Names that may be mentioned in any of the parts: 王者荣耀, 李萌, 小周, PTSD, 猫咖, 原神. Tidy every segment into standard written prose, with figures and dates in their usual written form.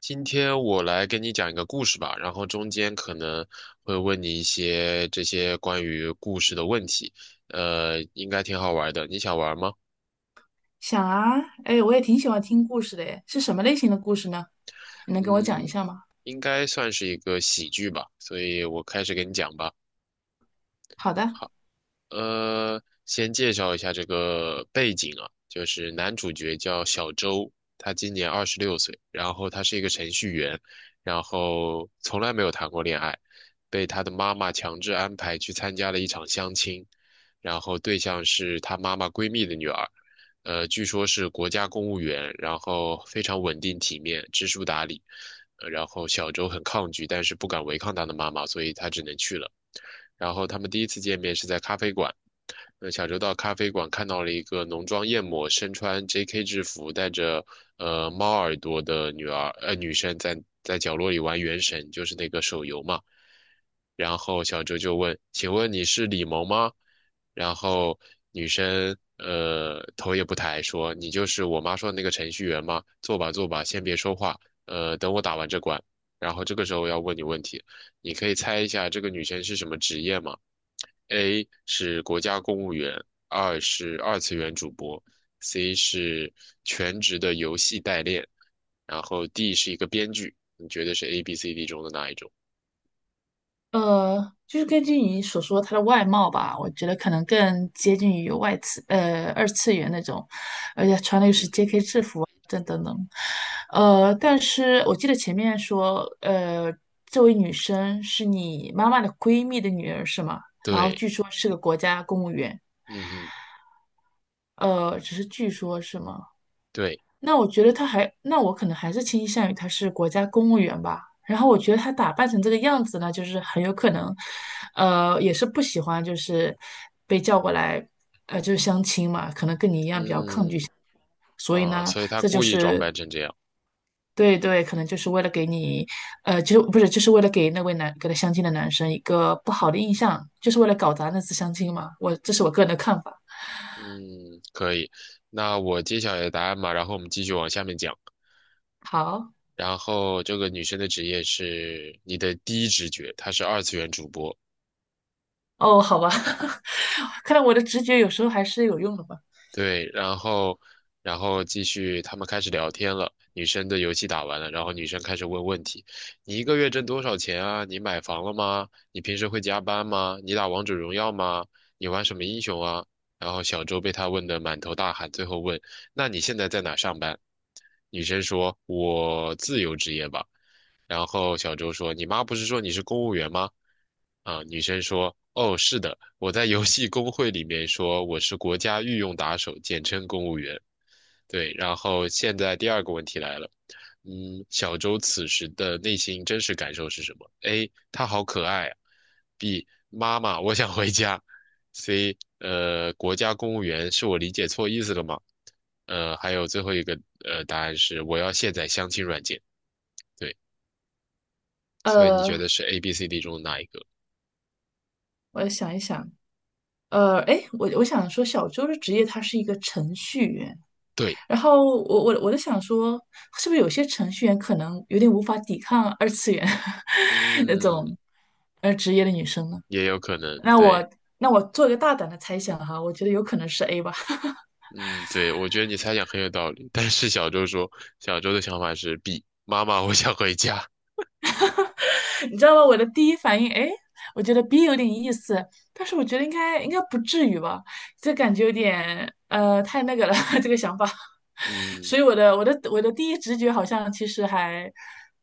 今天我来跟你讲一个故事吧，然后中间可能会问你一些这些关于故事的问题，应该挺好玩的，你想玩吗？想啊，哎，我也挺喜欢听故事的。哎，是什么类型的故事呢？你能跟我讲一嗯，下吗？应该算是一个喜剧吧，所以我开始给你讲吧。好的。好。先介绍一下这个背景啊，就是男主角叫小周，他今年26岁，然后他是一个程序员，然后从来没有谈过恋爱，被他的妈妈强制安排去参加了一场相亲，然后对象是他妈妈闺蜜的女儿，据说是国家公务员，然后非常稳定体面，知书达理。然后小周很抗拒，但是不敢违抗他的妈妈，所以他只能去了。然后他们第一次见面是在咖啡馆。小周到咖啡馆看到了一个浓妆艳抹、身穿 JK 制服、带着猫耳朵的女生在角落里玩《原神》，就是那个手游嘛。然后小周就问："请问你是李萌吗？"然后女生头也不抬说："你就是我妈说的那个程序员吗？坐吧坐吧，先别说话，等我打完这关。"然后这个时候我要问你问题，你可以猜一下这个女生是什么职业吗？A 是国家公务员，二是二次元主播，C 是全职的游戏代练，然后 D 是一个编剧。你觉得是 A、B、C、D 中的哪一种？就是根据你所说她的外貌吧，我觉得可能更接近于外次，呃，二次元那种，而且穿的又是 JK 制服啊等等等。但是我记得前面说，这位女生是你妈妈的闺蜜的女儿是吗？然后对。据说是个国家公务员。嗯哼。只是据说是吗？对。那我觉得他还，那我可能还是倾向于他是国家公务员吧。然后我觉得他打扮成这个样子呢，就是很有可能，也是不喜欢，就是被叫过来。嗯。所以啊，呢，所以他这就故意装是扮成这样。对对，可能就是为了给你，就不是就是为了给那位男给他相亲的男生一个不好的印象，就是为了搞砸那次相亲嘛。我这是我个人的看法。嗯，可以。那我揭晓你的答案嘛，然后我们继续往下面讲。好。然后这个女生的职业是你的第一直觉，她是二次元主播。哦，好吧。看来我的直觉有时候还是有用的吧。对。然后继续，他们开始聊天了。女生的游戏打完了，然后女生开始问问题："你一个月挣多少钱啊？你买房了吗？你平时会加班吗？你打王者荣耀吗？你玩什么英雄啊？"然后小周被他问得满头大汗，最后问："那你现在在哪上班？"女生说："我自由职业吧。"然后小周说："你妈不是说你是公务员吗？"啊，女生说："哦，是的，我在游戏公会里面说我是国家御用打手，简称公务员。"对，然后现在第二个问题来了。嗯，小周此时的内心真实感受是什么？A. 他好可爱啊，B. 妈妈，我想回家，C. 国家公务员是我理解错意思了吗？还有最后一个答案是我要卸载相亲软件。对，所以你觉呃，得是 A、B、C、D 中的哪一个？我想一想。呃，哎，我想说，小周的职业他是一个程序员。对。然后我在想说，是不是有些程序员可能有点无法抵抗二次元 那嗯。种职业的女生呢？也有可能。那我对。那我做一个大胆的猜想哈，我觉得有可能是 A 吧。嗯。对，我觉得你猜想很有道理。但是小周说，小周的想法是 B，妈妈，我想回家。你知道吗？我的第一反应，哎，我觉得 B 有点意思，但是我觉得应该不至于吧，这感觉有点太那个了，这个想法。嗯。所以我的第一直觉好像其实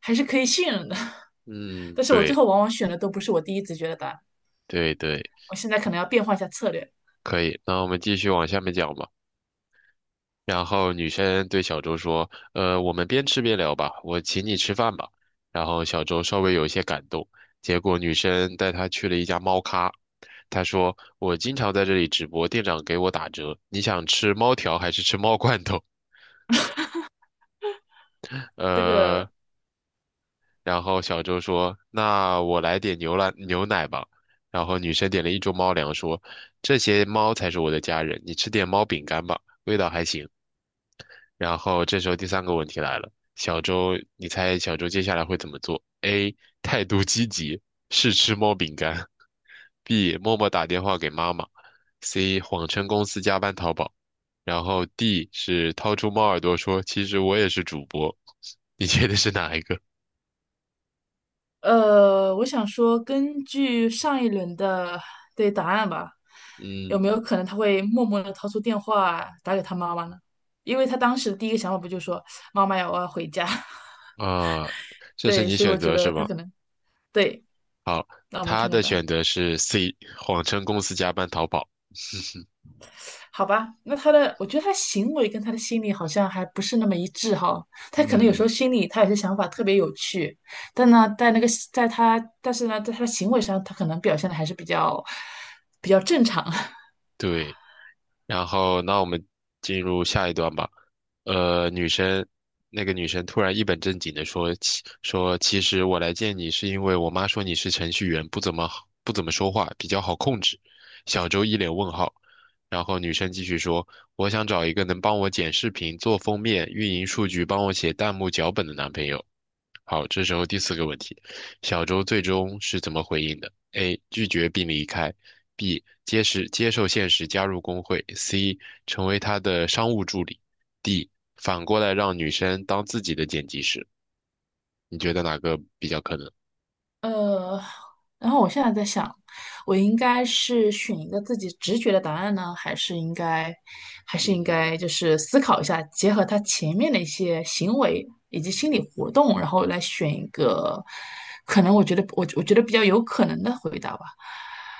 还是可以信任的。嗯。但是我最对后往往选的都不是我第一直觉的答案，对对，我现在可能要变换一下策略。可以。那我们继续往下面讲吧。然后女生对小周说："我们边吃边聊吧，我请你吃饭吧。"然后小周稍微有一些感动，结果女生带他去了一家猫咖。他说："我经常在这里直播，店长给我打折。你想吃猫条还是吃猫罐头？" 这呃，个然后小周说："那我来点牛奶吧。"然后女生点了一桌猫粮，说："这些猫才是我的家人，你吃点猫饼干吧，味道还行。"然后这时候第三个问题来了。小周，你猜小周接下来会怎么做？A. 态度积极，试吃猫饼干；B. 默默打电话给妈妈；C. 谎称公司加班淘宝；然后 D 是掏出猫耳朵说："其实我也是主播。"你觉得是哪一个？我想说，根据上一轮的对答案吧，有嗯。没有可能他会默默的掏出电话打给他妈妈呢？因为他当时的第一个想法不就说妈妈呀，我要回家。啊、这是对，你所以我选觉择是得他吗？可能对。好，那我们他看看的答案，选择是 C，谎称公司加班淘宝。好吧？那他的，我觉得他行为跟他的心理好像还不是那么一致哈。他可能有时候嗯，心里他有些想法特别有趣，但呢，在那个在他，但是呢，在他的行为上，他可能表现的还是比较正常。对。然后，那我们进入下一段吧。呃，女生，那个女生突然一本正经的说，其实我来见你是因为我妈说你是程序员，不怎么说话，比较好控制。小周一脸问号。然后女生继续说，我想找一个能帮我剪视频、做封面、运营数据、帮我写弹幕脚本的男朋友。好，这时候第四个问题，小周最终是怎么回应的？A. 拒绝并离开。B. 接受现实，加入工会；C 成为他的商务助理；D 反过来让女生当自己的剪辑师。你觉得哪个比较可能？呃，然后我现在在想，我应该是选一个自己直觉的答案呢，还是应该，还是应嗯。该就是思考一下，结合他前面的一些行为以及心理活动，然后来选一个，可能我觉得我觉得比较有可能的回答吧。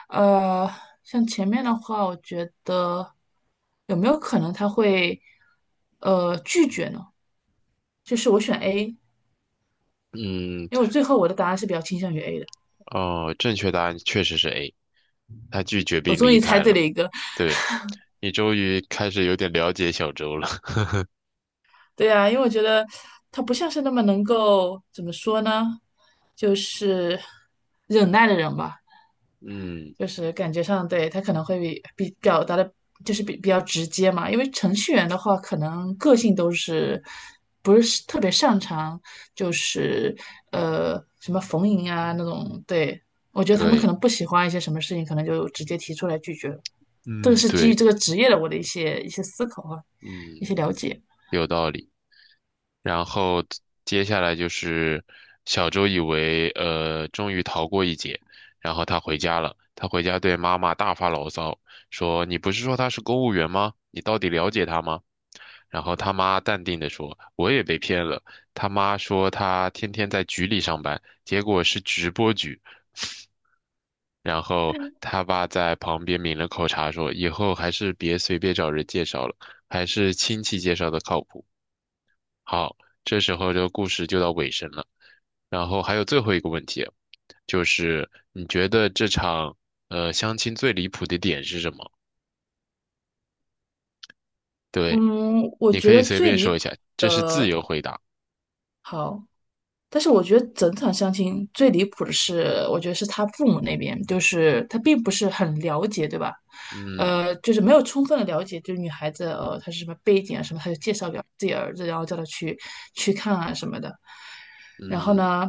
呃，像前面的话，我觉得有没有可能他会拒绝呢？就是我选 A，嗯。因为我最后我的答案是比较倾向于 A 的。哦，正确答案确实是 A，他拒绝我并终离于猜开对了。了一个对，你终于开始有点了解小周了。对啊，因为我觉得他不像是那么能够怎么说呢，就是忍耐的人吧，嗯，就是感觉上对他可能会比表达的，就是比较直接嘛。因为程序员的话，可能个性都是不是特别擅长，就是什么逢迎啊那种。对，我觉得他们可对。能不喜欢一些什么事情，可能就直接提出来拒绝了。这个嗯，是基于对。这个职业的我的一些思考啊，一嗯，些了解。有道理。然后接下来就是小周以为终于逃过一劫，然后他回家了。他回家对妈妈大发牢骚，说："你不是说他是公务员吗？你到底了解他吗？"然后他妈淡定地说："我也被骗了。"他妈说他天天在局里上班，结果是直播局。然后他爸在旁边抿了口茶，说："以后还是别随便找人介绍了，还是亲戚介绍的靠谱。"好，这时候这个故事就到尾声了。然后还有最后一个问题，就是你觉得这场相亲最离谱的点是什么？对，嗯，我你可觉以得随最便离说一谱下，这是自的，由回答。好，但是我觉得整场相亲最离谱的是，我觉得是他父母那边，就是他并不是很了解，对吧？嗯。就是没有充分的了解，就是女孩子她是什么背景啊什么，他就介绍给自己儿子，然后叫他去去看啊什么的。然后嗯。呢，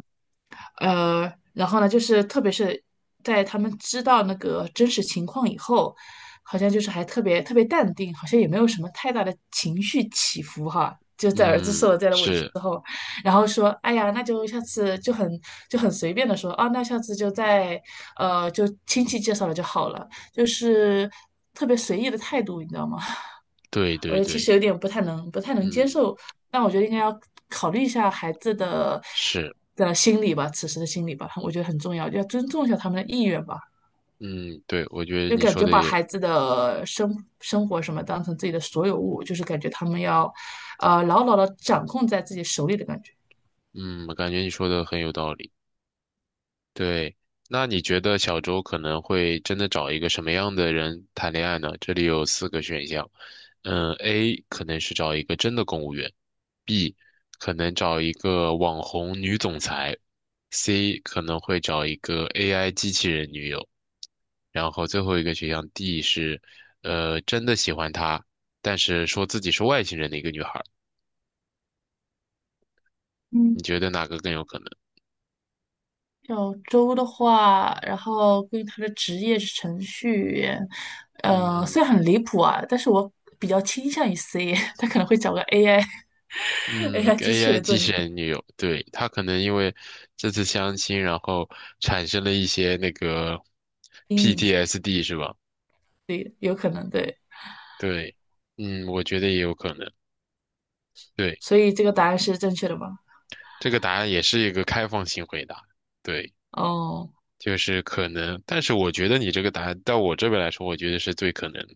然后呢，就是特别是在他们知道那个真实情况以后，好像就是还特别淡定，好像也没有什么太大的情绪起伏哈。就在儿子受嗯。了这样的委屈是。之后，然后说，哎呀，那就下次就很随便的说，啊，那下次就在就亲戚介绍了就好了，就是特别随意的态度，你知道吗？对我觉对得其对。实有点不太能接嗯。受，但我觉得应该要考虑一下孩子的是。心理吧，此时的心理吧，我觉得很重要，要尊重一下他们的意愿吧。嗯。对，我觉得就你感说觉的把也，孩子的生活什么当成自己的所有物，就是感觉他们要，牢牢的掌控在自己手里的感觉。嗯，感觉你说的很有道理。对，那你觉得小周可能会真的找一个什么样的人谈恋爱呢？这里有四个选项。嗯，A 可能是找一个真的公务员，B 可能找一个网红女总裁，C 可能会找一个 AI 机器人女友，然后最后一个选项 D 是，真的喜欢他，但是说自己是外星人的一个女孩儿。嗯。你觉得哪个更有可能？小周的话，然后关于他的职业是程序员，嗯。虽然很离谱啊，但是我比较倾向于 C。他可能会找个 AI 机嗯器，AI 人做机女器朋人女友，对，她可能因为这次相亲，然后产生了一些那个 友，阴影是吧？ PTSD 是吧？对，有可能对。对。嗯，我觉得也有可能。对，所以这个答案是正确的吗？这个答案也是一个开放性回答。对，哦，就是可能，但是我觉得你这个答案到我这边来说，我觉得是最可能的。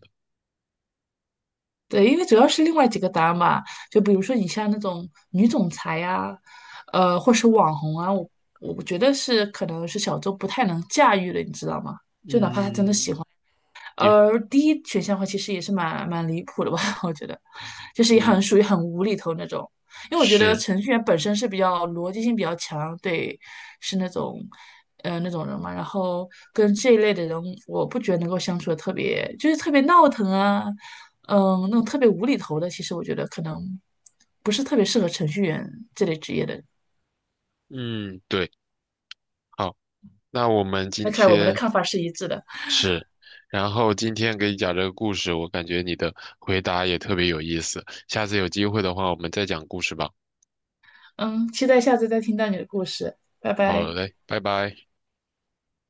对，因为主要是另外几个答案嘛，就比如说你像那种女总裁呀、或是网红啊，我觉得是可能是小周不太能驾驭的，你知道吗？嗯。你。而第一选项的话，其实也是蛮离谱的吧。我觉得，就是也很嗯。属于很无厘头那种。因为我觉得是。程序员本身是比较逻辑性比较强，对，是那种，那种人嘛。然后跟这一类的人，我不觉得能够相处的特别，就是特别闹腾啊。嗯，那种特别无厘头的，其实我觉得可能不是特别适合程序员这类职业的人。嗯。对。好，那我们那今看来我们的天看法是一致的。是，然后今天给你讲这个故事，我感觉你的回答也特别有意思。下次有机会的话，我们再讲故事吧。嗯，期待下次再听到你的故事，拜好拜。嘞，拜拜。